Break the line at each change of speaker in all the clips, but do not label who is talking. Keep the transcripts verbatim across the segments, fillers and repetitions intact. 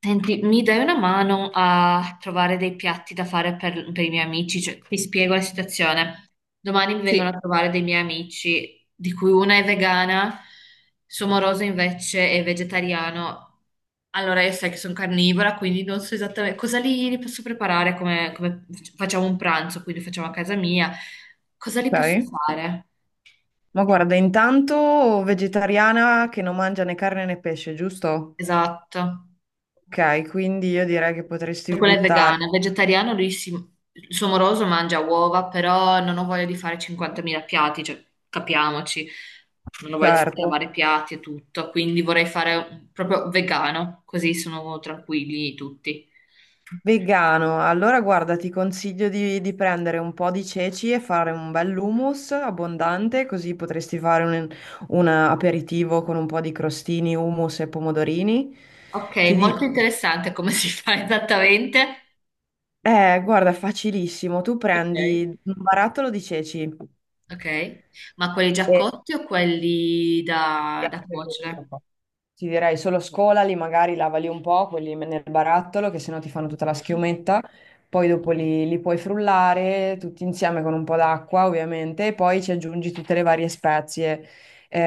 Senti, mi dai una mano a trovare dei piatti da fare per, per i miei amici? Cioè, ti spiego la situazione. Domani mi
Sì,
vengono a trovare dei miei amici, di cui una è vegana, suo moroso invece è vegetariano. Allora, io sai che sono carnivora, quindi non so esattamente cosa li, li posso preparare, come, come facciamo un pranzo, quindi lo facciamo a casa mia. Cosa li posso
ok.
fare?
Ma guarda, intanto vegetariana che non mangia né carne né pesce, giusto?
Esatto.
Ok, quindi io direi che
Cioè,
potresti
quella è
buttare,
vegana, vegetariano lui si, il suo moroso mangia uova, però non ho voglia di fare cinquantamila piatti, cioè capiamoci, non ho voglia di
certo.
lavare i piatti e tutto, quindi vorrei fare un- proprio vegano, così sono tranquilli tutti.
Vegano, allora guarda, ti consiglio di, di prendere un po' di ceci e fare un bel hummus abbondante, così potresti fare un, un aperitivo con un po' di crostini, hummus e pomodorini.
Ok,
Ti dico,
molto interessante come si fa esattamente.
eh, guarda, è facilissimo, tu prendi
Ok.
un barattolo di ceci.
Ok, ma quelli già
E
cotti o quelli da, da cuocere?
ti direi solo scolali, magari lavali un po', quelli nel barattolo, che sennò ti fanno tutta la
Ok.
schiumetta. Poi dopo li, li puoi frullare tutti insieme con un po' d'acqua, ovviamente, e poi ci aggiungi tutte le varie spezie,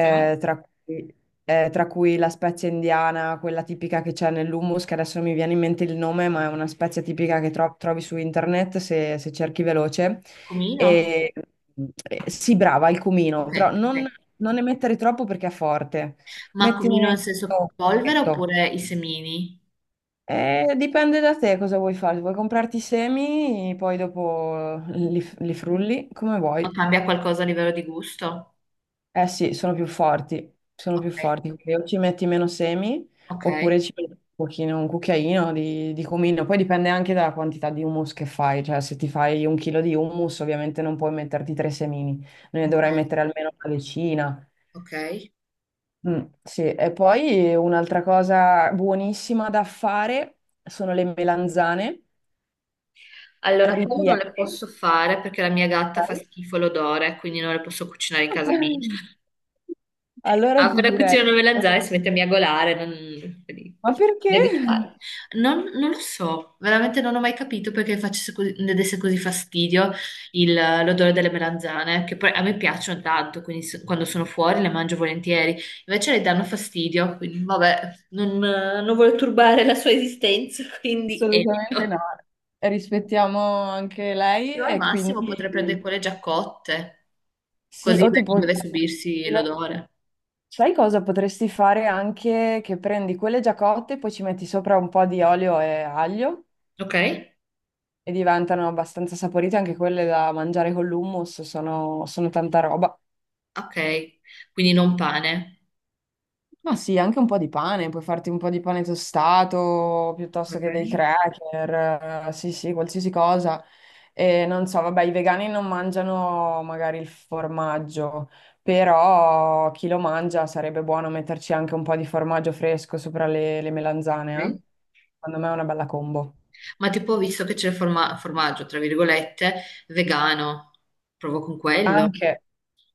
Cioè,
tra cui, eh, tra cui la spezia indiana, quella tipica che c'è nell'hummus, che adesso non mi viene in mente il nome, ma è una spezia tipica che tro- trovi su internet se, se cerchi veloce.
cumino?
E, eh, sì, brava, il cumino,
Ok,
però non,
ok.
non ne mettere troppo perché è forte.
Ma cumino
Mettine
nel
il
senso polvere
pacchetto.
oppure i semini?
Eh, dipende da te cosa vuoi fare. Vuoi comprarti i semi, poi dopo
Ma
li, li frulli come vuoi.
cambia qualcosa a livello di gusto?
Eh sì, sono più forti, sono più
Ok,
forti. Quindi o ci metti meno semi,
ok,
oppure ci metti un pochino, un cucchiaino di, di cumino. Poi dipende anche dalla quantità di hummus che fai. Cioè, se ti fai un chilo di hummus, ovviamente non puoi metterti tre semini, ne
ok,
dovrai mettere almeno una decina.
ok.
Mm, sì, e poi un'altra cosa buonissima da fare sono le melanzane
Allora, quello non le
ripiene.
posso fare perché la mia gatta fa
Sai?
schifo l'odore, quindi non le posso cucinare in casa mia.
Allora ti
Apre la
direi,
cucina non me
ma
la e si mette a miagolare, non... quindi, a
perché?
degustare. Non, non lo so, veramente non ho mai capito perché facesse così, ne desse così fastidio il- l'odore delle melanzane, che poi a me piacciono tanto, quindi se- quando sono fuori le mangio volentieri, invece le danno fastidio, quindi vabbè, non, non voglio turbare la sua esistenza, quindi
Assolutamente
evito.
no. Rispettiamo anche lei,
Però al
e
massimo
quindi
potrei prendere quelle già cotte,
sì,
così
o
non
tipo,
deve subirsi l'odore.
sai cosa potresti fare anche che prendi quelle già cotte, poi ci metti sopra un po' di olio e aglio
Ok?
e diventano abbastanza saporite anche quelle da mangiare con l'hummus, sono, sono tanta roba.
Ok, quindi non pane.
Ma sì, anche un po' di pane, puoi farti un po' di pane tostato piuttosto
Ok,
che dei cracker, eh, sì, sì, qualsiasi cosa. E non so, vabbè, i vegani non mangiano magari il formaggio, però chi lo mangia sarebbe buono metterci anche un po' di formaggio fresco sopra le, le melanzane, eh?
ok.
Secondo me è una bella combo.
Ma tipo ho visto che c'è il forma- formaggio, tra virgolette, vegano. Provo con quello.
Anche,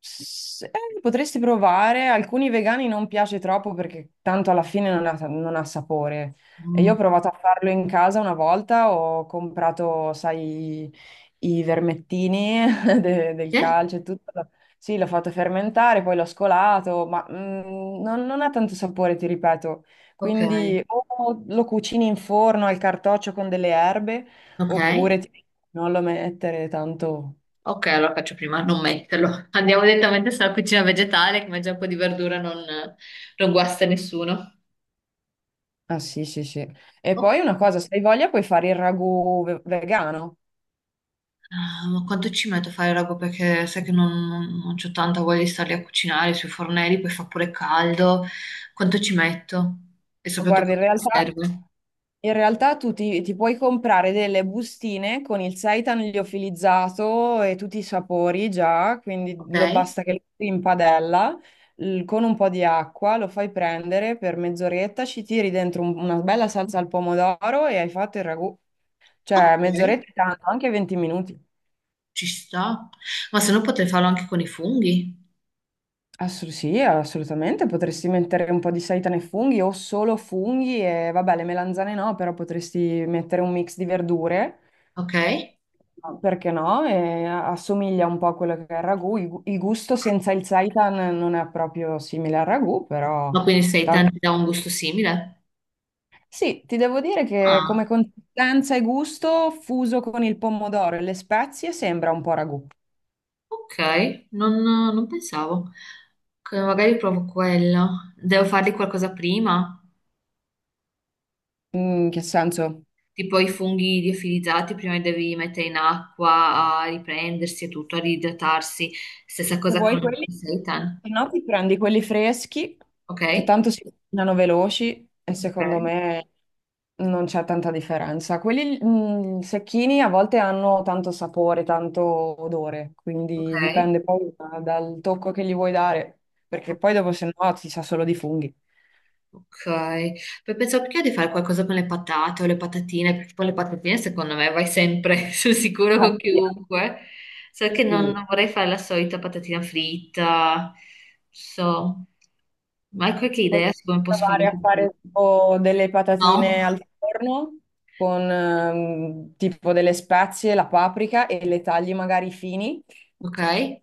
S- eh, potresti provare, alcuni vegani non piace troppo perché tanto alla fine non ha, non ha sapore. E io ho
Mm.
provato a farlo in casa una volta, ho comprato, sai, i vermettini de- del
Sì?
calcio e tutto. Sì, l'ho fatto fermentare, poi l'ho scolato, ma mm, non, non ha tanto sapore, ti ripeto.
Ok,
Quindi o lo cucini in forno al cartoccio con delle erbe,
ok.
oppure ti- non lo mettere tanto.
Ok, allora faccio prima a non metterlo. Andiamo direttamente sulla cucina vegetale, che mangia un po' di verdura non, non guasta nessuno.
Ah sì, sì, sì. E
Oh.
poi una cosa, se hai voglia puoi fare il ragù ve- vegano.
Ah, ma quanto ci metto a fare roba? Perché sai che non, non, non c'ho tanta voglia di starli a cucinare sui fornelli, poi fa pure caldo. Quanto ci metto? E
Guarda,
soprattutto
in
quanto mi
realtà,
serve?
in realtà tu ti, ti puoi comprare delle bustine con il seitan liofilizzato e tutti i sapori già, quindi
Ok,
lo- basta che lo metti in padella l- con un po' di acqua, lo fai prendere per mezz'oretta, ci tiri dentro un- una bella salsa al pomodoro e hai fatto il ragù. Cioè,
ok,
mezz'oretta è tanto, anche venti minuti.
ci sto. Ma se no potrei farlo anche con i funghi,
Assu- sì, assolutamente, potresti mettere un po' di seitane e funghi o solo funghi e vabbè, le melanzane no, però potresti mettere un mix di verdure,
ok?
no, perché no? E assomiglia un po' a quello che è il ragù. Il, gu- il gusto senza il seitan non è proprio simile al ragù, però
Ma quindi sei
tan-
tanti da un gusto simile?
sì, ti devo dire che come
Ah,
consistenza e gusto, fuso con il pomodoro e le spezie, sembra un po' ragù.
ok, non, non pensavo. Ok, magari provo quello. Devo fargli qualcosa prima?
In che senso?
Tipo i funghi liofilizzati, prima li devi mettere in acqua a riprendersi e tutto, a riidratarsi. Stessa
Se
cosa con
vuoi quelli,
il seitan,
se no ti prendi quelli freschi, che
ok?
tanto si cucinano veloci e secondo
Ok,
me non c'è tanta differenza. Quelli mh, secchini a volte hanno tanto sapore, tanto odore, quindi
ok,
dipende poi da- dal tocco che gli vuoi dare, perché
ok.
poi dopo se no ti sa solo di funghi.
Ok, poi pensavo perché di fare qualcosa con le patate o le patatine, perché poi le patatine secondo me vai sempre sul sicuro
Ah,
con chiunque. Solo che non, non
sì,
vorrei fare la solita patatina fritta, so, ma hai qualche
potrei
idea su come posso fare
provare
un po'
a fare
più?
tipo delle
No?
patatine al forno con ehm, tipo delle spezie, la paprika e le tagli magari fini
Ok, ma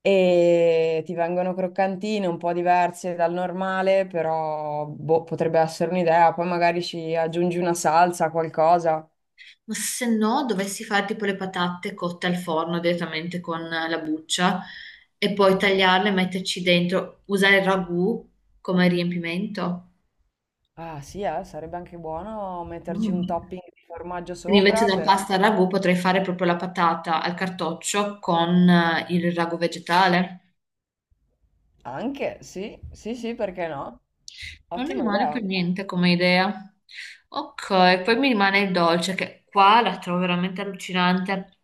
e ti vengono croccantine un po' diverse dal normale, però boh, potrebbe essere un'idea. Poi magari ci aggiungi una salsa, qualcosa.
se no dovessi fare tipo le patate cotte al forno direttamente con la buccia e poi tagliarle e metterci dentro, usare il ragù come riempimento.
Ah sì, eh, sarebbe anche buono metterci un
Mm.
topping di formaggio
Quindi invece
sopra,
della
però
pasta al ragù potrei fare proprio la patata al cartoccio con eh, il ragù vegetale.
anche sì, sì, sì, perché no?
Non è
Ottima
male
idea.
per niente come idea. Ok, poi mi rimane il dolce che qua la trovo veramente allucinante.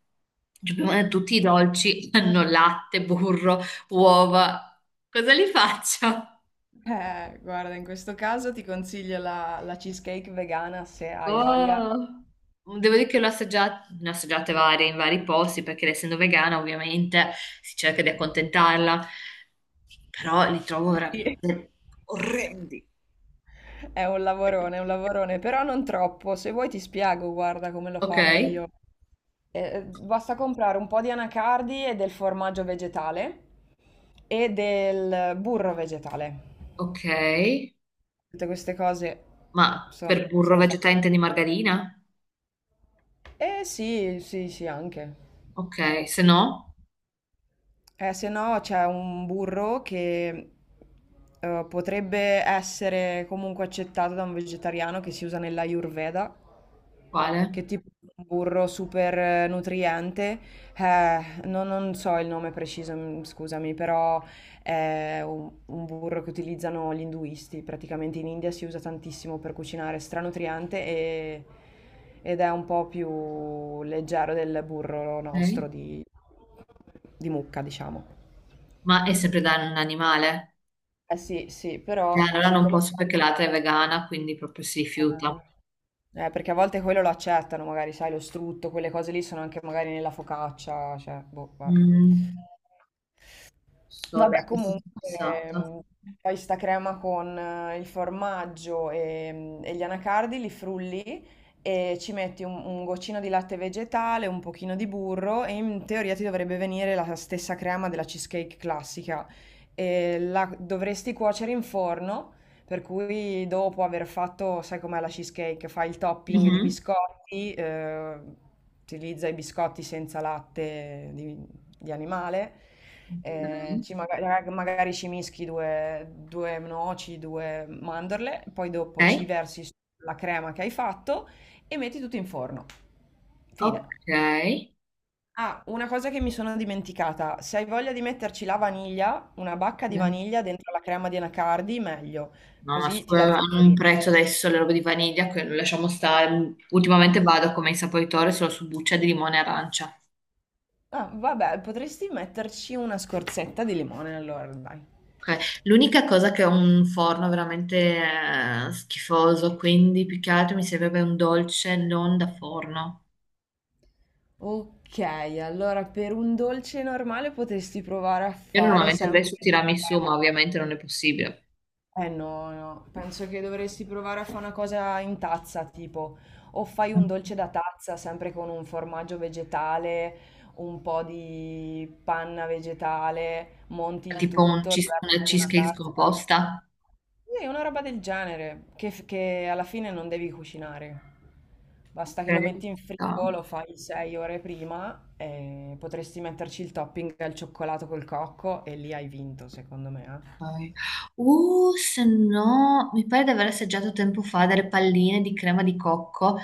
Cioè, prima di tutti i dolci hanno latte, burro, uova. Cosa li faccio?
Eh, guarda, in questo caso ti consiglio la, la cheesecake vegana se hai voglia.
Oh. Devo dire che l'ho assaggiata, ne ho assaggiate varie in vari posti perché essendo vegana ovviamente si cerca di accontentarla, però li trovo
Sì.
veramente orrendi.
È un lavorone, è un lavorone, però non troppo. Se vuoi ti spiego, guarda come l'ho
Ok,
fatta io. Eh, eh, basta comprare un po' di anacardi e del formaggio vegetale e del burro vegetale.
ok,
Tutte queste cose
ma
sono,
per burro
sono
vegetale
fatte.
intendi margarina?
Eh sì, sì, sì, anche.
Ok, se no,
Eh, se no c'è un burro che eh, potrebbe essere comunque accettato da un vegetariano che si usa nell'Ayurveda,
quale?
che è tipo un burro super eh, nutriente. Eh, non, non so il nome preciso, mm, scusami, però è un, un burro che utilizzano gli induisti. Praticamente in India si usa tantissimo per cucinare, stranutriente e- ed è un po' più leggero del burro
Ok.
nostro di di mucca, diciamo.
Ma è sempre da un animale?
Eh sì, sì,
Eh,
però
allora non
siccome.
posso perché l'altra è vegana, quindi proprio si rifiuta.
Eh, eh, perché a volte quello lo accettano, magari, sai, lo strutto, quelle cose lì sono anche magari nella focaccia, cioè, boh, vabbè.
Mm. So, lei
Vabbè,
che è stata
comunque
fissata.
ehm, fai sta crema con eh, il formaggio e, mm, e gli anacardi, li frulli e ci metti un, un goccino di latte vegetale, un pochino di burro e in teoria ti dovrebbe venire la stessa crema della cheesecake classica. E la dovresti cuocere in forno, per cui dopo aver fatto, sai com'è la cheesecake, fai il topping di
Mhm.
biscotti, eh, utilizza i biscotti senza latte di animale, eh,
Ok.
ci maga- magari, ci mischi due, due noci, due mandorle, poi dopo ci
Ok.
versi la crema che hai fatto e metti tutto in forno. Fine. Ah, una cosa che mi sono dimenticata, se hai voglia di metterci la vaniglia, una bacca di
No,
vaniglia dentro la crema di anacardi, meglio,
ma
così ti dà il
scusa, hanno un
saporino.
prezzo adesso le robe di vaniglia, che lasciamo stare. Ultimamente vado come insaporitore solo su buccia di limone e arancia.
Ah, vabbè, potresti metterci una scorzetta di limone allora, dai.
Ok. L'unica cosa che ho un forno veramente eh, schifoso, quindi più che altro mi servirebbe un dolce non da forno.
Ok, allora per un dolce normale potresti provare a
Io
fare
normalmente andrei
sempre
su
la
tiramisù,
crema.
ma ovviamente non è possibile.
Eh no, no, penso che dovresti provare a fare una cosa in tazza, tipo, o fai un dolce da tazza, sempre con un formaggio vegetale, un po' di panna vegetale, monti il
Tipo un
tutto, lo
cheese- una
versi in una
cheesecake
tazza.
scomposta.
Sì, una roba del genere, che, f- che alla fine non devi cucinare. Basta
Ok.
che lo
Ci
metti in
sta.
frigo, lo fai sei ore prima e potresti metterci il topping al cioccolato col cocco e lì hai vinto, secondo me. Eh.
Poi- Uh, se no, mi pare di aver assaggiato tempo fa delle palline di crema di cocco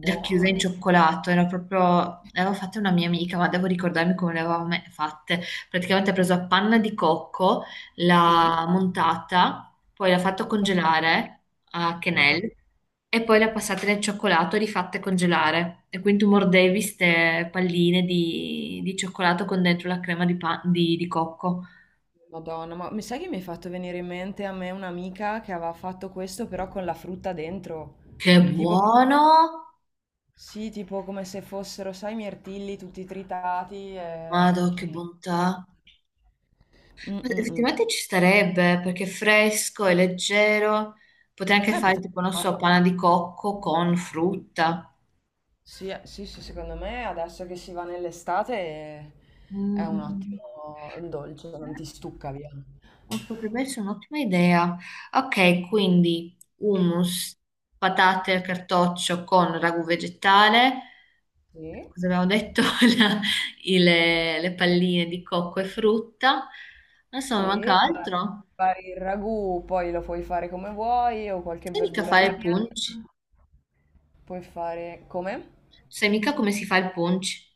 racchiuse in cioccolato. Era proprio, le avevo fatte una mia amica, ma devo ricordarmi come le avevamo me- fatte. Praticamente ha preso a panna di cocco,
Sì,
l'ha montata, poi l'ha fatto
ok.
congelare a
Ah.
quenelle e poi l'ha passata nel cioccolato e rifatte congelare. E quindi tu mordevi queste palline di, di cioccolato con dentro la crema di, pa- di di cocco.
Madonna, ma mi sai che mi hai fatto venire in mente a me un'amica che aveva fatto questo però con la frutta dentro?
Che
Tipo come,
buono!
sì, tipo come se fossero, sai, i mirtilli tutti tritati e...
Madò, che
e-
bontà!
Mm,
Ma
mm, mm.
effettivamente ci starebbe perché è fresco, è leggero. Potrei anche
Beh,
fare
potrebbe
tipo, non so, panna
farlo.
di cocco con frutta.
Sì, eh, sì, sì, secondo me adesso che si va nell'estate è
Mm,
è
mm,
un
mm.
ottimo dolce, non ti stucca via.
Eh, potrebbe essere un'ottima idea. Ok, quindi hummus, patate al cartoccio con ragù vegetale.
Sì?
Cosa abbiamo detto? La- i- le, le palline di cocco e frutta. Non so, mi
Sì,
manca
guarda,
altro?
fai il ragù, poi lo puoi fare come vuoi o qualche
Sai mica
verdura
fare il
ripiena.
punch?
Puoi fare come?
Sai mica come si fa il punch?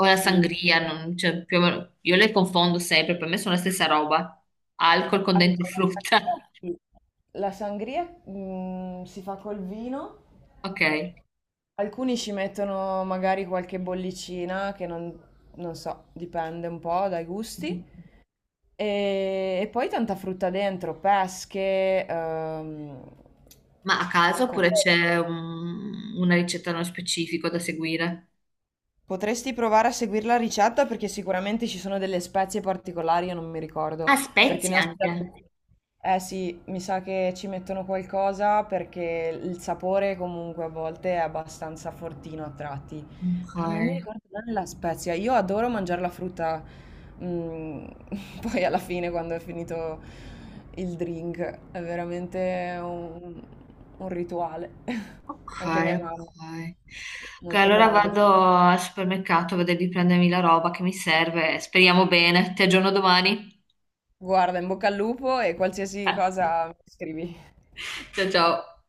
O la
Il.
sangria, non- cioè, più o meno- io le confondo sempre, per me sono la stessa roba. Alcol con dentro
Allora, la
frutta.
sangria, sì. La sangria, mm, si fa col vino.
Ok.
Alcuni ci mettono magari qualche bollicina che non, non so, dipende un po' dai gusti. E, e poi tanta frutta dentro, pesche, ehm,
Ma a caso oppure c'è
cocomero.
un- una ricetta nello specifico da seguire?
Potresti provare a seguire la ricetta perché sicuramente ci sono delle spezie particolari, io non mi
Ah,
ricordo, perché
spezie
ne ho
anche.
assaggiate. Eh sì, mi sa che ci mettono qualcosa perché il sapore comunque a volte è abbastanza fortino a tratti,
Ok,
però non mi ricordo bene la spezia. Io adoro mangiare la frutta, mm, poi alla fine quando è finito il drink, è veramente un, un rituale.
ok,
Anche mia
ok.
mamma, sì,
Ok,
molto
allora
buona.
vado al supermercato a vedere di prendermi la roba che mi serve. Speriamo bene. Ti aggiorno domani.
Guarda, in bocca al lupo e qualsiasi cosa mi scrivi.
Ciao ciao.